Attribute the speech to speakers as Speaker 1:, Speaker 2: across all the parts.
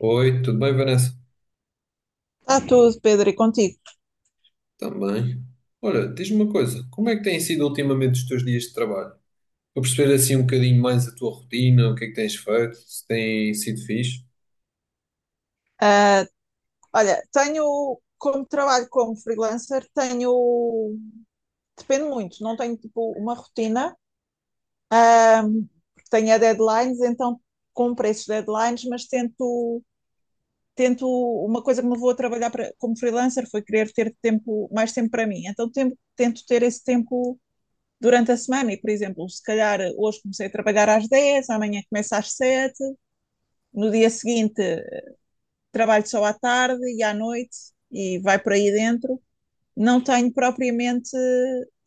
Speaker 1: Oi, tudo bem, Vanessa?
Speaker 2: Está tudo, Pedro, e contigo.
Speaker 1: Também. Olha, diz-me uma coisa, como é que têm sido ultimamente os teus dias de trabalho? Para perceber assim um bocadinho mais a tua rotina, o que é que tens feito, se tem sido fixe.
Speaker 2: Ah, olha, tenho, como trabalho como freelancer, tenho, depende muito, não tenho tipo uma rotina, ah, tenho a deadlines, então cumpro esses deadlines, mas tento, uma coisa que me vou a trabalhar para, como freelancer foi querer ter tempo, mais tempo para mim, então tento ter esse tempo durante a semana e, por exemplo, se calhar hoje comecei a trabalhar às 10, amanhã começo às 7, no dia seguinte trabalho só à tarde e à noite e vai por aí dentro. Não tenho propriamente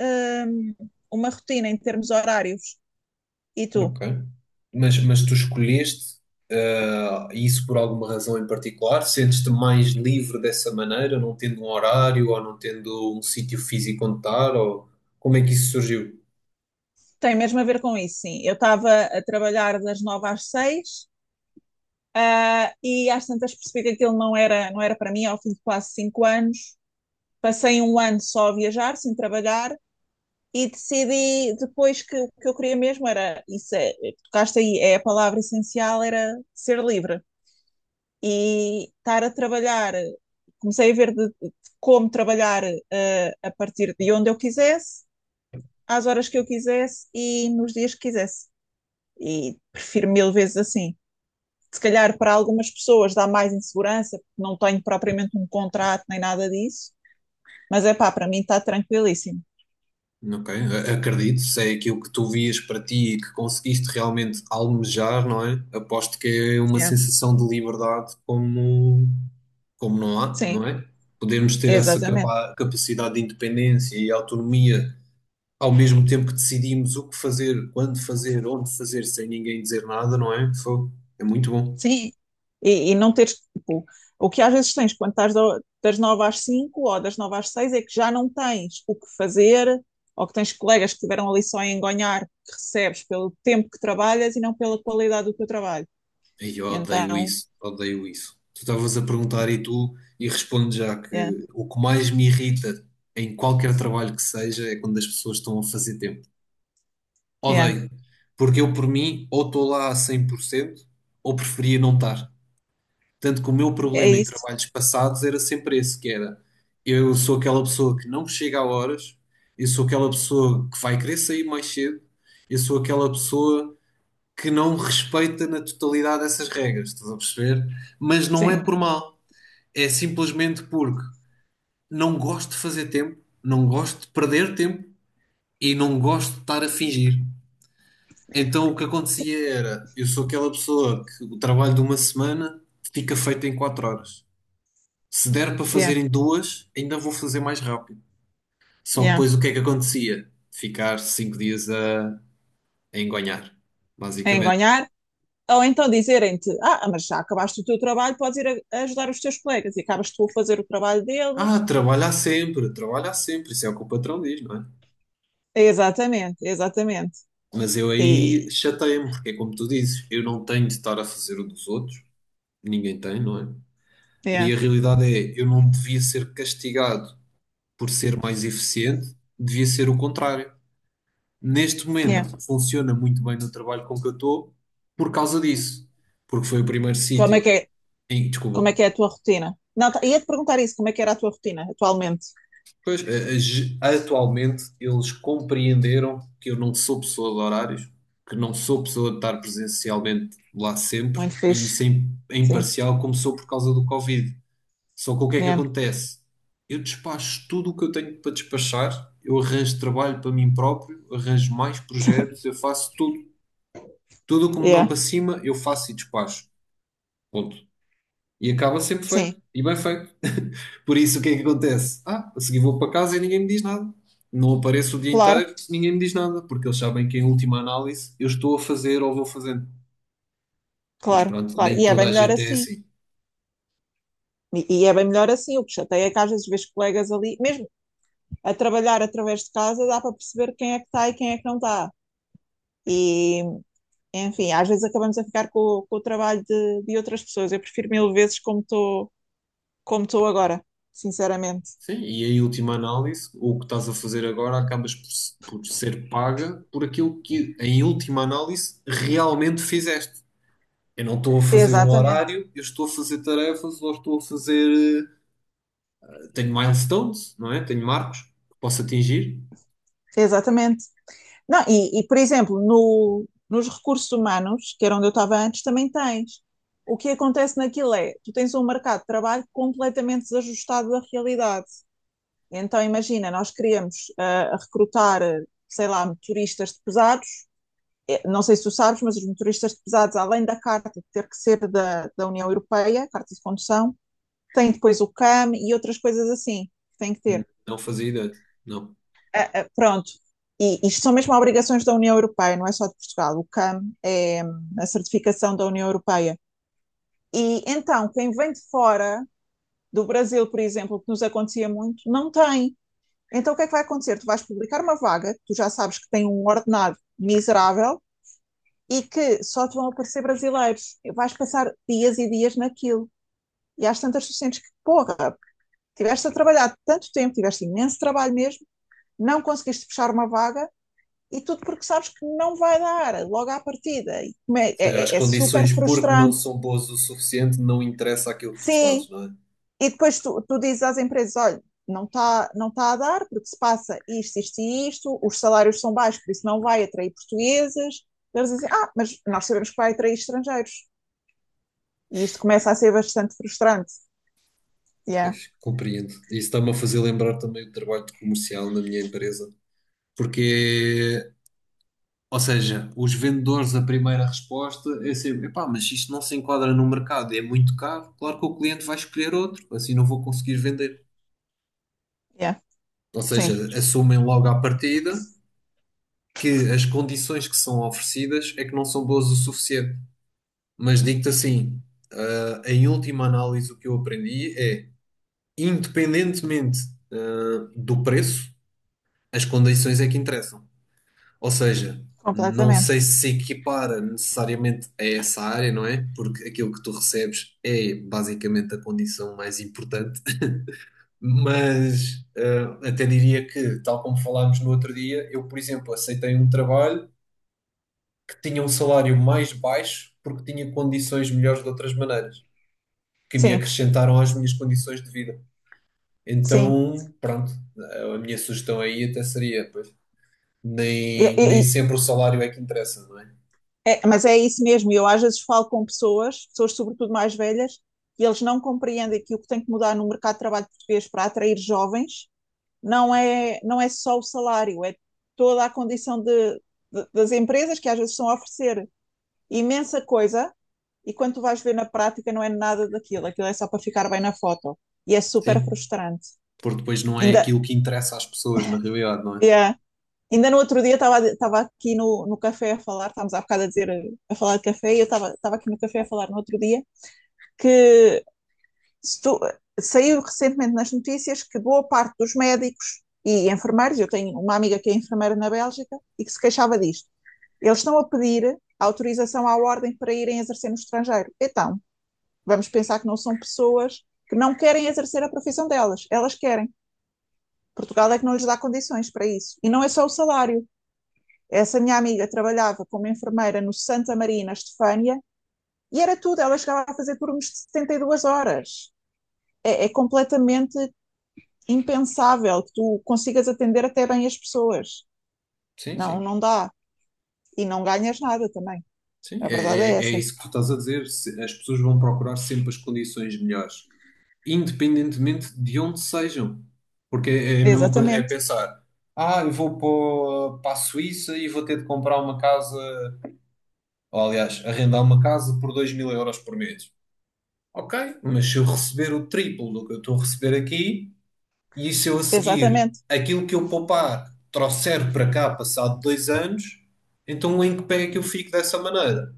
Speaker 2: hum, uma rotina em termos horários. E tu?
Speaker 1: Ok. Mas tu escolheste isso por alguma razão em particular? Sentes-te mais livre dessa maneira, não tendo um horário ou não tendo um sítio físico onde estar? Ou como é que isso surgiu?
Speaker 2: Tem mesmo a ver com isso, sim. Eu estava a trabalhar das 9 às 6, ah, e às tantas percebi que aquilo não era para mim ao fim de quase 5 anos. Passei um ano só a viajar, sem trabalhar, e decidi depois que o que eu queria mesmo era, isso é, tocaste aí, é a palavra essencial, era ser livre. E estar a trabalhar, comecei a ver de como trabalhar, eh, a partir de onde eu quisesse, às horas que eu quisesse e nos dias que quisesse. E prefiro mil vezes assim. Se calhar para algumas pessoas dá mais insegurança, porque não tenho propriamente um contrato nem nada disso, mas é pá, para mim está tranquilíssimo.
Speaker 1: Ok, acredito, se é aquilo que tu vias para ti e que conseguiste realmente almejar, não é? Aposto que é uma
Speaker 2: Yeah.
Speaker 1: sensação de liberdade como, não há,
Speaker 2: Sim,
Speaker 1: não é? Podemos ter essa
Speaker 2: exatamente.
Speaker 1: capacidade de independência e autonomia ao mesmo tempo que decidimos o que fazer, quando fazer, onde fazer, sem ninguém dizer nada, não é? Foi, é muito bom.
Speaker 2: Sim, e não teres, tipo, o que às vezes tens quando estás das 9 às 5 ou das 9 às 6 é que já não tens o que fazer, ou que tens colegas que estiveram ali só a engonhar, que recebes pelo tempo que trabalhas e não pela qualidade do teu trabalho.
Speaker 1: Ei, eu
Speaker 2: E
Speaker 1: odeio
Speaker 2: então,
Speaker 1: isso, odeio isso. Tu estavas a perguntar e e respondo já
Speaker 2: yeah,
Speaker 1: que o que mais me irrita em qualquer trabalho que seja é quando as pessoas estão a fazer tempo.
Speaker 2: yeah,
Speaker 1: Odeio, porque eu por mim ou estou lá a 100% ou preferia não estar. Tanto que o meu
Speaker 2: é
Speaker 1: problema em
Speaker 2: isso.
Speaker 1: trabalhos passados era sempre esse, que era eu sou aquela pessoa que não chega a horas, eu sou aquela pessoa que vai querer sair mais cedo, eu sou aquela pessoa que não respeita na totalidade essas regras, estás a perceber? Mas não é
Speaker 2: Sim,
Speaker 1: por mal, é simplesmente porque não gosto de fazer tempo, não gosto de perder tempo e não gosto de estar a fingir. Então o que acontecia era, eu sou aquela pessoa que o trabalho de uma semana fica feito em 4 horas. Se der para
Speaker 2: yeah,
Speaker 1: fazer em duas, ainda vou fazer mais rápido. Só que
Speaker 2: yeah.
Speaker 1: depois o que é que acontecia? Ficar 5 dias a engonhar,
Speaker 2: É
Speaker 1: basicamente.
Speaker 2: engonhar. Ou então dizerem-te, ah, mas já acabaste o teu trabalho, podes ir a ajudar os teus colegas e acabas tu a fazer o trabalho deles.
Speaker 1: Ah, trabalhar sempre, isso é o que o patrão diz, não é?
Speaker 2: Exatamente, exatamente.
Speaker 1: Mas eu
Speaker 2: E,
Speaker 1: aí chateio-me, porque é como tu dizes, eu não tenho de estar a fazer o dos outros, ninguém tem, não é? E
Speaker 2: yeah,
Speaker 1: a realidade é, eu não devia ser castigado por ser mais eficiente, devia ser o contrário. Neste
Speaker 2: yeah.
Speaker 1: momento, funciona muito bem no trabalho com que eu estou por causa disso, porque foi o primeiro
Speaker 2: Como é
Speaker 1: sítio
Speaker 2: que é, como é
Speaker 1: desculpa.
Speaker 2: que é a tua rotina? Não, ia-te perguntar isso, como é que era a tua rotina atualmente?
Speaker 1: Pois, atualmente eles compreenderam que eu não sou pessoa de horários, que não sou pessoa de estar presencialmente lá sempre,
Speaker 2: Muito
Speaker 1: e
Speaker 2: fixe.
Speaker 1: isso em
Speaker 2: Sim,
Speaker 1: parcial começou por causa do Covid. Só que o que é que
Speaker 2: yeah,
Speaker 1: acontece? Eu despacho tudo o que eu tenho para despachar, eu arranjo trabalho para mim próprio, arranjo mais projetos, eu faço tudo. Tudo o que me dão
Speaker 2: yeah,
Speaker 1: para cima, eu faço e despacho. Ponto. E acaba sempre
Speaker 2: sim,
Speaker 1: feito. E bem feito. Por isso, o que é que acontece? Ah, a seguir vou para casa e ninguém me diz nada. Não apareço o dia
Speaker 2: claro,
Speaker 1: inteiro, ninguém me diz nada, porque eles sabem que em última análise eu estou a fazer ou vou fazendo. Mas
Speaker 2: claro,
Speaker 1: pronto,
Speaker 2: claro.
Speaker 1: nem
Speaker 2: E é
Speaker 1: toda
Speaker 2: bem
Speaker 1: a
Speaker 2: melhor
Speaker 1: gente é
Speaker 2: assim.
Speaker 1: assim.
Speaker 2: E é bem melhor assim. O que chateia é que às vezes vês colegas ali, mesmo a trabalhar através de casa, dá para perceber quem é que está e quem é que não está. E, enfim, às vezes acabamos a ficar com o trabalho de outras pessoas. Eu prefiro mil vezes como estou agora, sinceramente.
Speaker 1: Sim, e em última análise, o que estás a fazer agora acabas por, por ser paga por aquilo que, em última análise, realmente fizeste. Eu não estou a fazer um
Speaker 2: Exatamente,
Speaker 1: horário, eu estou a fazer tarefas ou estou a fazer. Tenho milestones, não é? Tenho marcos que posso atingir.
Speaker 2: exatamente. Não, e, por exemplo, no, nos recursos humanos, que era onde eu estava antes, também tens. O que acontece naquilo é, tu tens um mercado de trabalho completamente desajustado da realidade. Então, imagina, nós queríamos recrutar, sei lá, motoristas de pesados. Eh, não sei se tu sabes, mas os motoristas de pesados, além da carta de ter que ser da União Europeia, carta de condução, têm depois o CAM e outras coisas assim que têm que
Speaker 1: Hum.
Speaker 2: ter.
Speaker 1: Não fazia ideia. Não. Ou
Speaker 2: Ah, pronto, e isto são mesmo obrigações da União Europeia, não é só de Portugal. O CAM é a certificação da União Europeia. E então, quem vem de fora do Brasil, por exemplo, que nos acontecia muito, não tem. Então, o que é que vai acontecer? Tu vais publicar uma vaga, tu já sabes que tem um ordenado miserável e que só te vão aparecer brasileiros. Vais passar dias e dias naquilo. E às tantas tu sentes que, porra, tiveste a trabalhar tanto tempo, tiveste imenso trabalho mesmo, não conseguiste fechar uma vaga e tudo porque sabes que não vai dar logo à partida. E como é,
Speaker 1: seja, as
Speaker 2: é, é é super
Speaker 1: condições, porque não
Speaker 2: frustrante.
Speaker 1: são boas o suficiente, não interessa aquilo que tu
Speaker 2: Sim,
Speaker 1: fazes, não é?
Speaker 2: e depois tu dizes às empresas: olha, não tá a dar, porque se passa isto, isto e isto, os salários são baixos, por isso não vai atrair portugueses. Eles dizem: ah, mas nós sabemos que vai atrair estrangeiros. E isto começa a ser bastante frustrante. Yeah,
Speaker 1: Pois, compreendo. Isso está-me a fazer lembrar também o trabalho de comercial na minha empresa. Porque, ou seja, os vendedores, a primeira resposta é sempre: epá, mas isto não se enquadra no mercado, é muito caro. Claro que o cliente vai escolher outro, assim não vou conseguir vender.
Speaker 2: yeah,
Speaker 1: Ou seja,
Speaker 2: sim,
Speaker 1: assumem logo à partida que as condições que são oferecidas é que não são boas o suficiente. Mas digo-te assim. Em última análise, o que eu aprendi é, independentemente do preço, as condições é que interessam. Ou seja, não sei
Speaker 2: completamente.
Speaker 1: se se equipara necessariamente a essa área, não é? Porque aquilo que tu recebes é basicamente a condição mais importante. Mas até diria que, tal como falámos no outro dia, eu, por exemplo, aceitei um trabalho que tinha um salário mais baixo porque tinha condições melhores de outras maneiras, que me
Speaker 2: Sim,
Speaker 1: acrescentaram às minhas condições de vida.
Speaker 2: sim.
Speaker 1: Então, pronto, a minha sugestão aí até seria, pois,
Speaker 2: E,
Speaker 1: nem
Speaker 2: e,
Speaker 1: sempre o salário é que interessa, não é?
Speaker 2: É, mas é isso mesmo, eu às vezes falo com pessoas sobretudo mais velhas, e eles não compreendem que o que tem que mudar no mercado de trabalho português para atrair jovens não é só o salário, é toda a condição de, das empresas que às vezes estão a oferecer imensa coisa e quando tu vais ver na prática não é nada daquilo, aquilo é só para ficar bem na foto e é super
Speaker 1: Sim.
Speaker 2: frustrante.
Speaker 1: Porque depois não é
Speaker 2: Ainda,
Speaker 1: aquilo que interessa às pessoas, na realidade, não é?
Speaker 2: yeah. Ainda no outro dia estava aqui no café a falar, estávamos há bocado a falar de café, e eu estava aqui no café a falar no outro dia que estou, saiu recentemente nas notícias que boa parte dos médicos e enfermeiros, eu tenho uma amiga que é enfermeira na Bélgica e que se queixava disto, eles estão a pedir autorização à ordem para irem exercer no estrangeiro. Então, vamos pensar que não são pessoas que não querem exercer a profissão delas, elas querem. Portugal é que não lhes dá condições para isso. E não é só o salário. Essa minha amiga trabalhava como enfermeira no Santa Maria, na Estefânia, e era tudo, ela chegava a fazer turnos de 72 horas. É, é completamente impensável que tu consigas atender até bem as pessoas.
Speaker 1: Sim,
Speaker 2: Não,
Speaker 1: sim,
Speaker 2: não dá. E não ganhas nada também.
Speaker 1: sim.
Speaker 2: A
Speaker 1: É,
Speaker 2: verdade é
Speaker 1: é, é
Speaker 2: essa.
Speaker 1: isso que tu estás a dizer. As pessoas vão procurar sempre as condições melhores, independentemente de onde sejam. Porque é a mesma coisa, é
Speaker 2: Exatamente,
Speaker 1: pensar, eu vou para a Suíça e vou ter de comprar uma casa, ou aliás, arrendar uma casa por 2000 € por mês. Ok, mas se eu receber o triplo do que eu estou a receber aqui, e se eu a seguir
Speaker 2: exatamente,
Speaker 1: aquilo que eu poupar trouxer para cá passado 2 anos, então em que pé é que eu fico dessa maneira?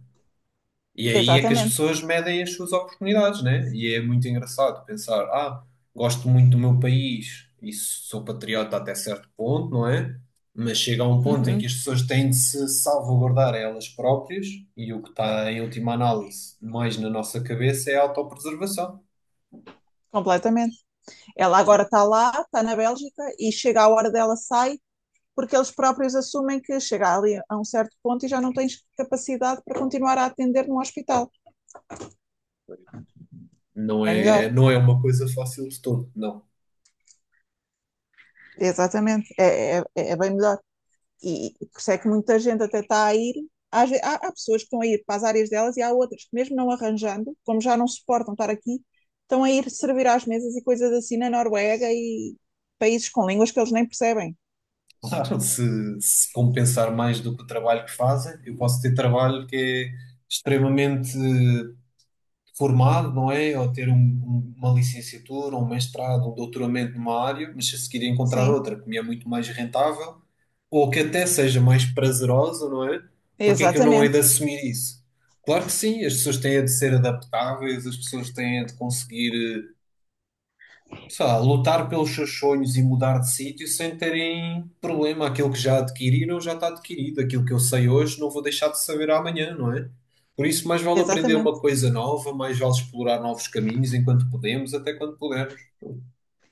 Speaker 1: E aí é que as
Speaker 2: exatamente.
Speaker 1: pessoas medem as suas oportunidades, né? E é muito engraçado pensar, gosto muito do meu país e sou patriota até certo ponto, não é? Mas chega a um ponto em que
Speaker 2: Uhum.
Speaker 1: as pessoas têm de se salvaguardar a elas próprias e o que está em última análise mais na nossa cabeça é a autopreservação.
Speaker 2: Completamente. Ela agora está lá, está na Bélgica e chega a hora dela sai, porque eles próprios assumem que chega ali a um certo ponto e já não tens capacidade para continuar a atender num hospital.
Speaker 1: Não
Speaker 2: É melhor,
Speaker 1: é, não é uma coisa fácil de todo, não.
Speaker 2: exatamente. É bem melhor. E por isso é que muita gente até está a ir. Há, há pessoas que estão a ir para as áreas delas e há outras que, mesmo não arranjando, como já não suportam estar aqui, estão a ir servir às mesas e coisas assim na Noruega e países com línguas que eles nem percebem.
Speaker 1: Claro. Se compensar mais do que o trabalho que fazem, eu posso ter trabalho que é extremamente formado, não é? Ou ter uma licenciatura, um mestrado, um doutoramento numa área, mas a seguir encontrar
Speaker 2: Sim,
Speaker 1: outra que me é muito mais rentável ou que até seja mais prazerosa, não é? Porque é que eu não hei de
Speaker 2: exatamente,
Speaker 1: assumir isso? Claro que sim, as pessoas têm de ser adaptáveis, as pessoas têm de conseguir. Sei lá, lutar pelos seus sonhos e mudar de sítio sem terem problema. Aquilo que já adquiriram já está adquirido. Aquilo que eu sei hoje não vou deixar de saber amanhã, não é? Por isso, mais vale aprender uma
Speaker 2: exatamente.
Speaker 1: coisa nova, mais vale explorar novos caminhos enquanto podemos, até quando pudermos.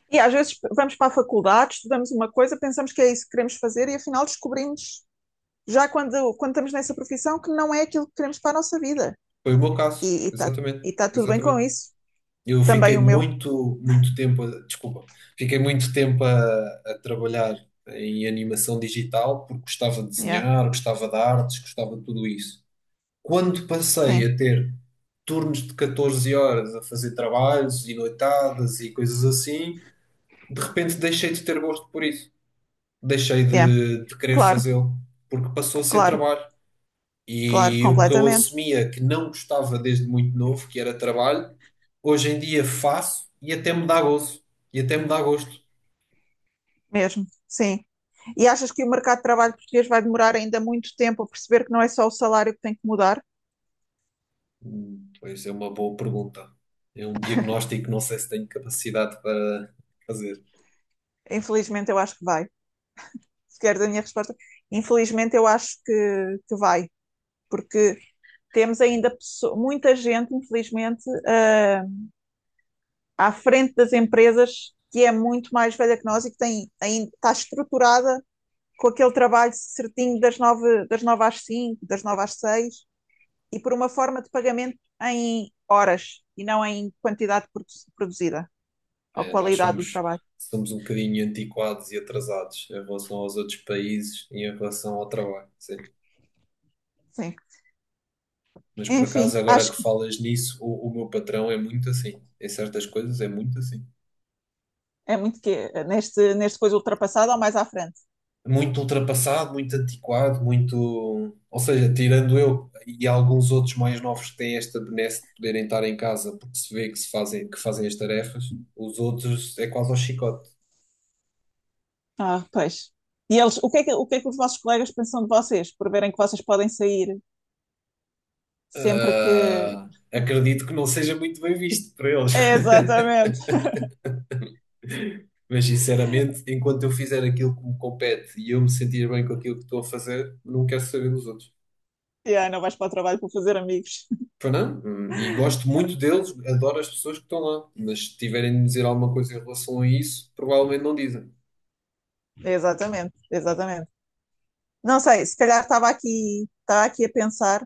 Speaker 2: E às vezes vamos para a faculdade, estudamos uma coisa, pensamos que é isso que queremos fazer e afinal descobrimos, já quando estamos nessa profissão, que não é aquilo que queremos para a nossa vida.
Speaker 1: Foi o meu caso,
Speaker 2: E está
Speaker 1: exatamente,
Speaker 2: e tá tudo bem com
Speaker 1: exatamente.
Speaker 2: isso.
Speaker 1: Eu fiquei
Speaker 2: Também o meu.
Speaker 1: muito, muito tempo, desculpa, fiquei muito tempo a trabalhar em animação digital porque gostava de
Speaker 2: Yeah.
Speaker 1: desenhar, gostava de artes, gostava de tudo isso. Quando passei
Speaker 2: Sim,
Speaker 1: a ter turnos de 14 horas a fazer trabalhos e noitadas e coisas assim, de repente deixei de ter gosto por isso. Deixei
Speaker 2: yeah.
Speaker 1: de querer
Speaker 2: Claro,
Speaker 1: fazê-lo, porque passou a ser
Speaker 2: claro,
Speaker 1: trabalho.
Speaker 2: claro,
Speaker 1: E o que eu
Speaker 2: completamente,
Speaker 1: assumia que não gostava desde muito novo, que era trabalho, hoje em dia faço e até me dá gozo. E até me dá gosto.
Speaker 2: mesmo, sim. E achas que o mercado de trabalho português vai demorar ainda muito tempo a perceber que não é só o salário que tem que mudar?
Speaker 1: Hum. Pois é uma boa pergunta. É um diagnóstico que não sei se tenho capacidade para fazer.
Speaker 2: Infelizmente, eu acho que vai. Se queres a minha resposta, infelizmente, eu acho que vai, porque temos ainda muita gente, infelizmente, ah, à frente das empresas que é muito mais velha que nós e que tem, ainda está estruturada com aquele trabalho certinho das 9 às 5, das 9 às 6. E por uma forma de pagamento em horas e não em quantidade produzida ou
Speaker 1: É, nós
Speaker 2: qualidade do
Speaker 1: somos,
Speaker 2: trabalho.
Speaker 1: somos um bocadinho antiquados e atrasados em relação aos outros países e em relação ao trabalho, sim.
Speaker 2: Sim.
Speaker 1: Mas por acaso,
Speaker 2: Enfim,
Speaker 1: agora que
Speaker 2: acho que
Speaker 1: falas nisso, o meu patrão é muito assim. Em certas coisas é muito assim.
Speaker 2: é muito que neste coisa ultrapassado ou mais à frente.
Speaker 1: Muito ultrapassado, muito antiquado, muito. Ou seja, tirando eu e alguns outros mais novos que têm esta benesse de poderem estar em casa porque se vê que, se fazem, que fazem as tarefas, os outros é quase ao chicote.
Speaker 2: Ah, pois. E eles, o que é que os vossos colegas pensam de vocês por verem que vocês podem sair sempre que.
Speaker 1: Ah, acredito que não seja muito bem visto por eles.
Speaker 2: Exatamente.
Speaker 1: Mas sinceramente, enquanto eu fizer aquilo que me compete e eu me sentir bem com aquilo que estou a fazer, não quero saber dos outros.
Speaker 2: Yeah, não vais para o trabalho para fazer amigos.
Speaker 1: Foi não? Hum. E gosto muito deles, adoro as pessoas que estão lá. Mas se tiverem de me dizer alguma coisa em relação a isso, provavelmente não dizem.
Speaker 2: Exatamente, exatamente. Não sei, se calhar estava aqui a pensar.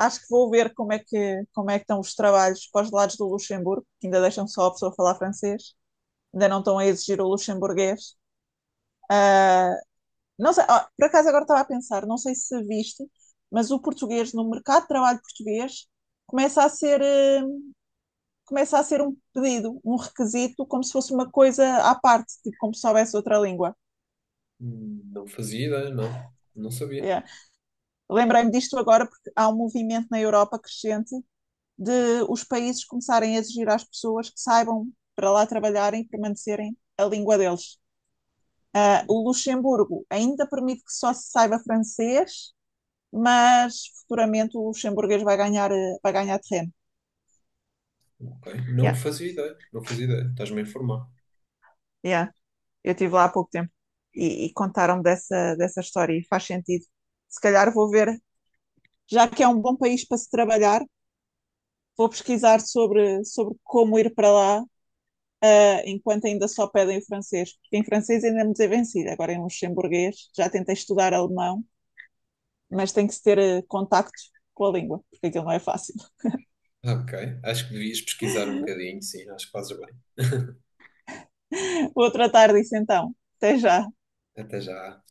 Speaker 2: Acho que vou ver como é que estão os trabalhos para os lados do Luxemburgo, que ainda deixam só a pessoa falar francês, ainda não estão a exigir o luxemburguês. Não sei, ah, por acaso agora estava a pensar, não sei se viste, mas o português, no mercado de trabalho português, começa a ser, eh, começa a ser um pedido, um requisito, como se fosse uma coisa à parte, tipo, como se soubesse outra língua.
Speaker 1: Hum. Não fazia ideia, não. Não sabia.
Speaker 2: Yeah. Lembrei-me disto agora porque há um movimento na Europa crescente de os países começarem a exigir às pessoas que saibam para lá trabalharem e permanecerem a língua deles. O Luxemburgo ainda permite que só se saiba francês, mas futuramente o luxemburguês vai ganhar terreno.
Speaker 1: Ok. Não
Speaker 2: Yeah,
Speaker 1: fazia ideia. Não fazia ideia. Estás-me a informar.
Speaker 2: yeah. Eu estive lá há pouco tempo e contaram dessa história e faz sentido. Se calhar vou ver, já que é um bom país para se trabalhar, vou pesquisar sobre como ir para lá, enquanto ainda só pedem o francês, porque em francês ainda me desenvencida, agora em luxemburguês, já tentei estudar alemão, mas tem que se ter contacto com a língua, porque aquilo não é fácil.
Speaker 1: Ok. Acho que devias pesquisar um bocadinho, sim. Acho que fazes bem.
Speaker 2: Vou tratar disso então. Até já.
Speaker 1: Até já.